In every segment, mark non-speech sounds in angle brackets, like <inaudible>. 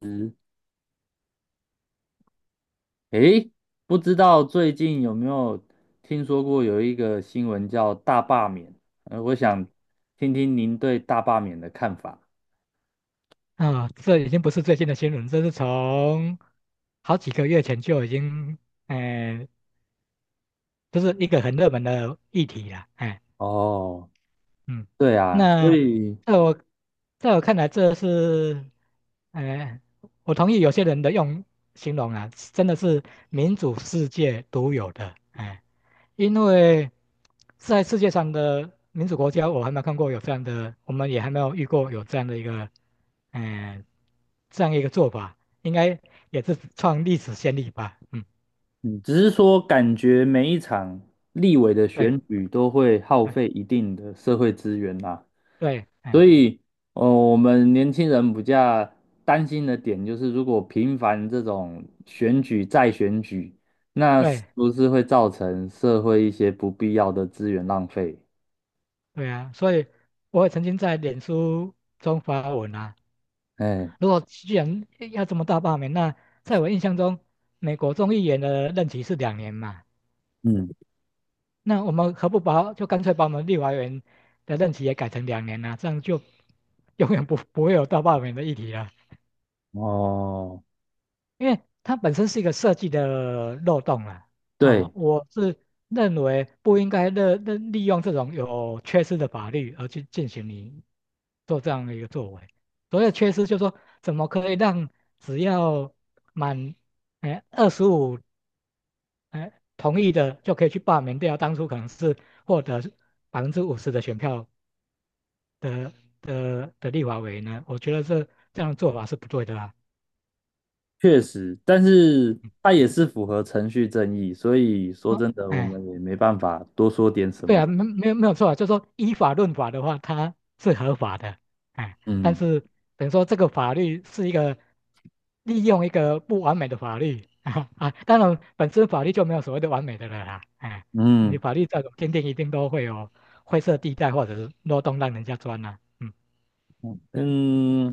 嗯，诶，不知道最近有没有听说过有一个新闻叫大罢免？我想听听您对大罢免的看法。啊，这已经不是最近的新闻，这是从好几个月前就已经，哎，就是一个很热门的议题了，哦，嗯，对啊，那所以在我在我看来，这是，哎，我同意有些人的用形容啊，真的是民主世界独有的，哎，因为在世界上的民主国家，我还没有看过有这样的，我们也还没有遇过有这样的一个，嗯、呃这样一个做法，应该也是创历史先例吧？嗯，嗯只是说感觉每一场立委的对，选举都会耗哎，费一定的社会资源啦。对，所哎，以，我们年轻人比较担心的点就是，如果频繁这种选举再选举，那是对，不是会造成社会一些不必要的资源浪费？对啊，所以我也曾经在脸书中发文啊。哎，如果既然要这么大罢免，那在我印象中，美国众议员的任期是两年嘛，嗯，那我们何不把就干脆把我们立法委员的任期也改成两年呢，这样就永远不会有到罢免的议题了，哦，<laughs> 因为它本身是一个设计的漏洞了对，啊。我是认为不应该利用这种有缺失的法律而去进行你做这样的一个作为。所谓的缺失，就是说怎么可以让只要满25同意的就可以去罢免掉当初可能是获得50%的选票的的立法委员呢？我觉得这样的做法是不对的啦。确实，但是嗯，它也是符合程序正义，所以说哦，真的，我哎，们也没办法多说点什对么啊，的。没有没有错啊，就是说依法论法的话，它是合法的，哎，但嗯是等于说这个法律是一个利用一个不完美的法律 <laughs> 啊啊，当然本身法律就没有所谓的完美的了啦，哎，你嗯，法律再怎么坚定，一定都会有灰色地带或者是漏洞让人家钻呐。嗯嗯，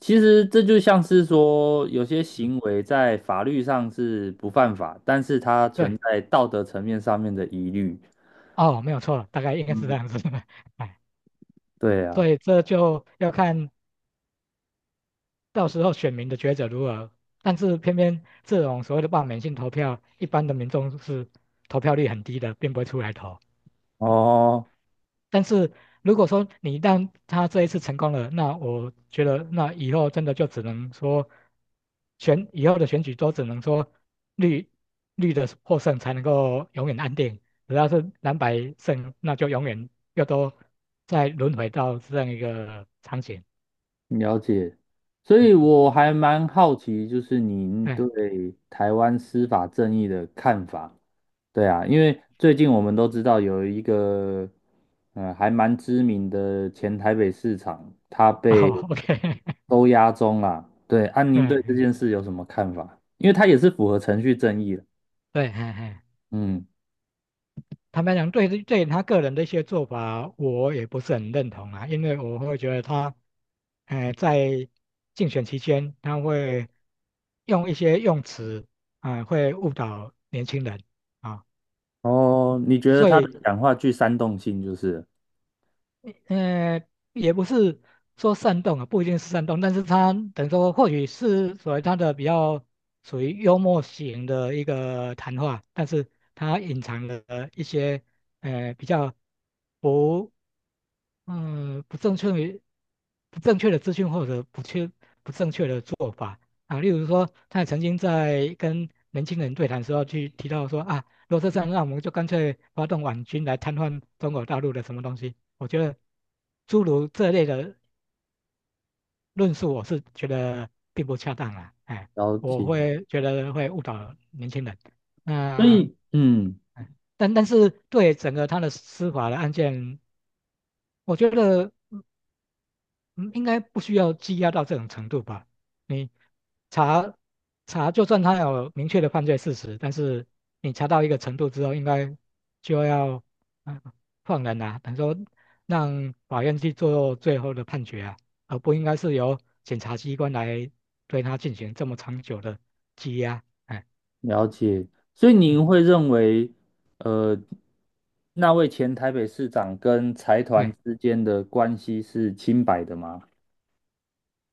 其实这就像是说，有些嗯，行为在法律上是不犯法，但是它存对，在道德层面上面的疑虑。哦，没有错，大概应该是这嗯，样子的，<laughs> 哎。对所啊，以这就要看到时候选民的抉择如何？但是偏偏这种所谓的罢免性投票，一般的民众是投票率很低的，并不会出来投。哦，但是如果说你一旦他这一次成功了，那我觉得那以后真的就只能说以后的选举都只能说绿绿的获胜才能够永远安定，只要是蓝白胜，那就永远又都再轮回到这样一个场景。了解。所嗯，以我还蛮好奇，就是您对，对台湾司法正义的看法。对啊，因为最近我们都知道有一个还蛮知名的前台北市长，他被好，OK,<laughs> 收押中啦。对，安对，您对这嗯件事有什么看法？因为他也是符合程序正义的。对，嘿嘿。嗯，坦白讲，对,对他个人的一些做法，我也不是很认同啊，因为我会觉得他，在竞选期间，他会用一些用词啊，会误导年轻人啊，哦，你觉得所他的以，讲话具煽动性就是呃，也不是说煽动啊，不一定是煽动，但是他等于说，或许是所谓他的比较属于幽默型的一个谈话，但是他隐藏了一些，比较不。不正确于不正确的资讯或者不正确的做法啊。例如说，他也曾经在跟年轻人对谈的时候去提到说啊，如果是这样，那我们就干脆发动网军来瘫痪中国大陆的什么东西。我觉得诸如这类的论述，我是觉得并不恰当啊，哎，了了我解，会觉得会误导年轻人。所那以嗯，但是对整个他的司法的案件，我觉得。嗯，应该不需要羁押到这种程度吧？你查查，就算他有明确的犯罪事实，但是你查到一个程度之后，应该就要嗯放人啊，等于说让法院去做最后的判决啊，而不应该是由检察机关来对他进行这么长久的羁押。哎，了解。所以嗯，您会认为，呃，那位前台北市长跟财团对，之间的关系是清白的吗？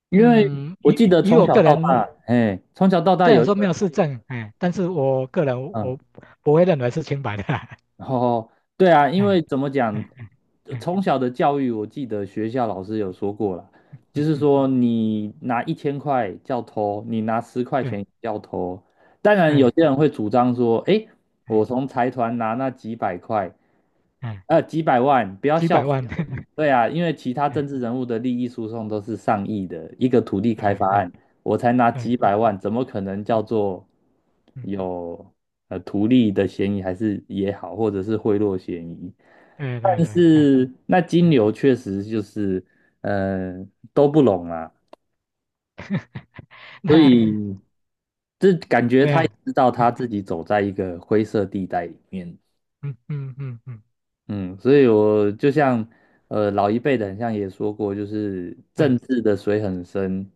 因为嗯，我以记得以从我小个到大，人哎，从小到大虽然有一说没个，有事证，哎，但是我个人嗯，我不会认为是清白的啊。<laughs> 哦，对啊，因哎为怎么哎讲，哎哎哎哎从小的教育，我记得学校老师有说过啦，就嗯是嗯，说你拿1000块叫偷，你拿十块对钱叫偷。当然，有对，些人会主张说，哎，哎我从财团拿那几百块，哎，几百万，不要几笑百死万，人。<laughs> 对啊，因为其他政治哎人物的利益输送都是上亿的一个土地开哎发哎案。我才拿几对，嗯百万，怎么可能叫嗯做嗯，有图利的嫌疑，还是也好，或者是贿赂嫌疑？对对但对，哎是那金哎，牛确实就是呃都不拢啊，所那以这感觉对他也呀知道他哎自己走在一个灰色地带里面。嗯嗯嗯嗯，嗯，所以我就像老一辈的，很像也说过，就是哎政治的水很深，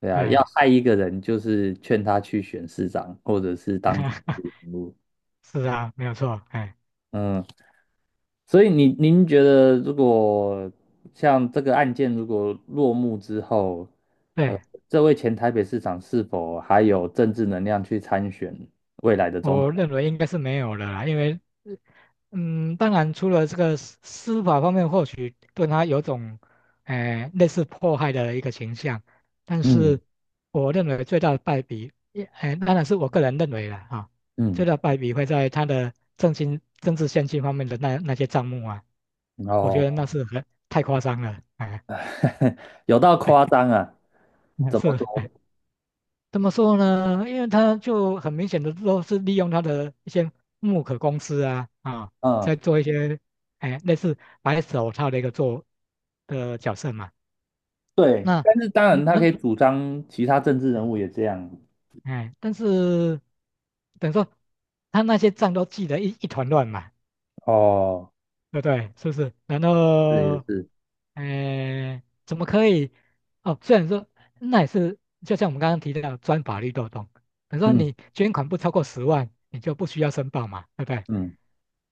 对啊，要对，害一个人，就是劝他去选市长或者是当人物。<laughs> 是啊，没有错，哎，嗯，所以您您觉得如果像这个案件如果落幕之后，呃，对，这位前台北市长是否还有政治能量去参选未来的总统？我认为应该是没有了啦，因为呃当然，除了这个司法方面，或许对他有种，类似迫害的一个倾向，但嗯是我认为最大的败笔，也，当然是我个人认为了哈，最嗯，大的败笔会在他的政经政治献金方面的那些账目啊，我觉哦，得那是很太夸张了，哎。<laughs> 有到夸张啊，<laughs> 那怎么是，说？怎么说呢？因为他就很明显的都是利用他的一些木可公司啊，啊，嗯。在做一些哎类似白手套的一个做的角色嘛。对，那但是当然嗯他可那以主张其他政治人物也这样。哎，但是等于说他那些账都记得一团乱嘛，哦，对不对？是不是？然是也后，是，哎，怎么可以？哦，虽然说那也是，就像我们刚刚提到的钻法律漏洞，比如说嗯你捐款不超过10万，你就不需要申报嘛，对不对？嗯，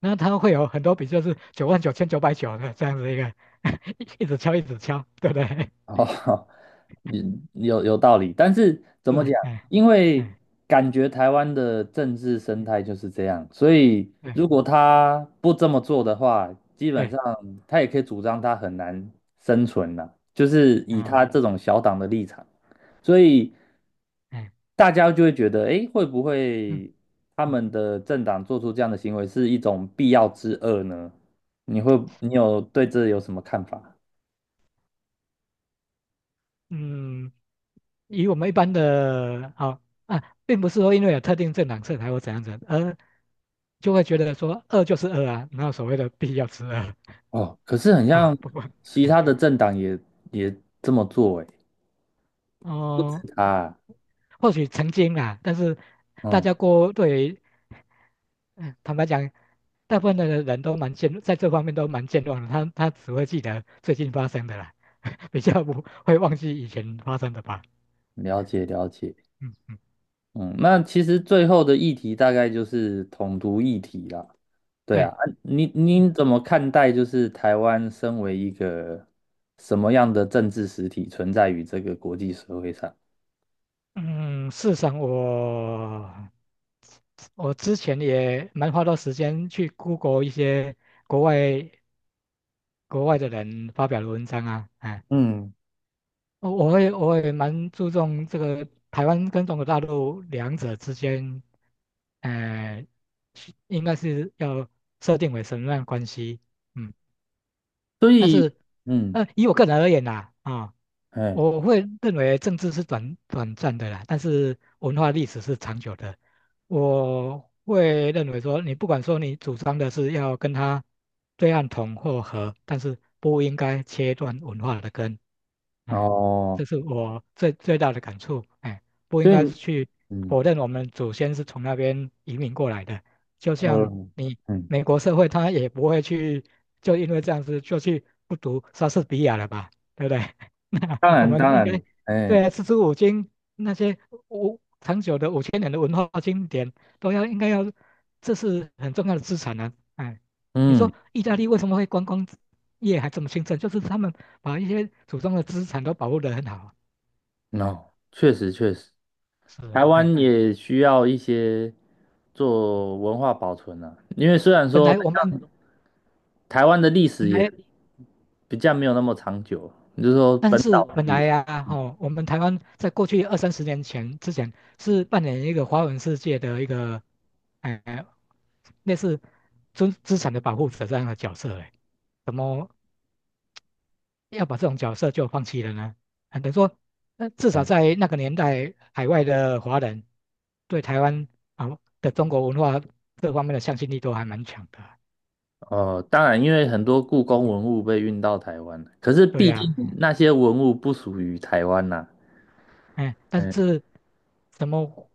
那它会有很多笔，就是九万九千九百九的这样子一个，<laughs> 一直敲一直敲，对不对？哦，<laughs> 你有道理，但是 <laughs> 怎么讲？是，哎，因为哎，感觉台湾的政治生嗯态就是这样，所以如对果他不这么做的话，基本对，上他也可以主张他很难生存了，就是以啊，他这种小党的立场，所以。哎，大家就会觉得，诶，会不嗯会他嗯们的政党做出这样的行为是一种必要之恶呢？你会，你有对这有什么看法？嗯，以我们一般的，好，啊，并不是说因为有特定政党色彩或怎样子，而就会觉得说饿就是饿啊，哪有所谓的必要吃饿啊。哦，可是很哦像不过，其哎他的政党也也这么做，诶，哦，啊，或许曾经啦，但是大嗯，家过对于嗯，坦白讲，大部分的人都在这方面都蛮健忘的，他只会记得最近发生的啦，比较不会忘记以前发生的吧。了嗯解了解。嗯，嗯嗯，那其实最后的议题大概就是统独议题啦，对啊，对，啊你嗯你怎么看待就是台湾身为一个什么样的政治实体存在于这个国际社会上？嗯，事实上我之前也蛮花多时间去 Google 一些国外国外的人发表的文章啊，哎。嗯，我也蛮注重这个台湾跟中国大陆两者之间，呃，是应该是要设定为什么样的关系，嗯，所但以，是，嗯，以我个人而言呐，啊、哎，我会认为政治是短暂的啦，但是文化历史是长久的。我会认为说，你不管说你主张的是要跟他对岸统或和，但是不应该切断文化的根。哎，哦，这是我最大的感触。哎，不应所该以，是去嗯，否认我们祖先是从那边移民过来的。就呃，像你嗯，美国社会，他也不会去就因为这样子就去不读莎士比亚了吧，对不对？<laughs> 当我然，们当应该然，哎，对啊，四书五经那些长久的5000年的文化经典都要应该要，这是很重要的资产啊。哎，你嗯，说意大利为什么会观光业还这么兴盛？就是他们把一些祖宗的资产都保护得很好。哦，确实，确实，是，台哎，湾也需要一些做文化保存啊，因为虽然本说来我们台湾的历本史也来，比较没有那么长久，你就说但本是岛的本历来史。呀，啊，吼，我们台湾在过去二三十年前之前是扮演一个华文世界的一个，哎，类似资产的保护者这样的角色，哎，怎么要把这种角色就放弃了呢？啊，等于说，至少嗯在那个年代，海外的华人对台湾啊的中国文化这方面的向心力都还蛮强的。哦，当然，因为很多故嗯宫嗯文物被运到台湾，可是对毕呀，竟那些文物不属于台湾呐、哎，但嗯，是怎么？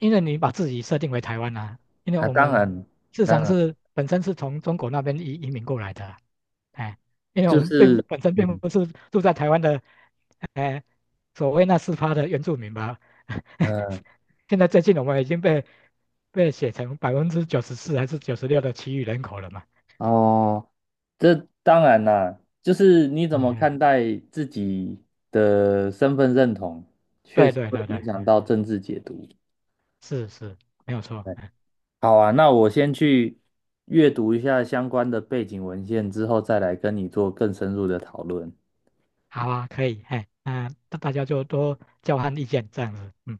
因为你把自己设定为台湾啊，因为啊，我当们然。市当场然。是本身是从中国那边移民过来的啊，哎，因为就我们并是本身并嗯不是住在台湾的，哎，所谓那4%的原住民吧。<laughs> 嗯现在最近我们已经被写成94%还是九十六的其余人口了嘛？哦，这当然啦，就是你怎嗯么嗯，看待自己的身份认同，确对实对会对对，影响到政治解读。是是，没有错。对，嗯，好啊，那我先去阅读一下相关的背景文献，之后再来跟你做更深入的讨论。好啊，可以，哎，那大家就多交换意见这样子，嗯。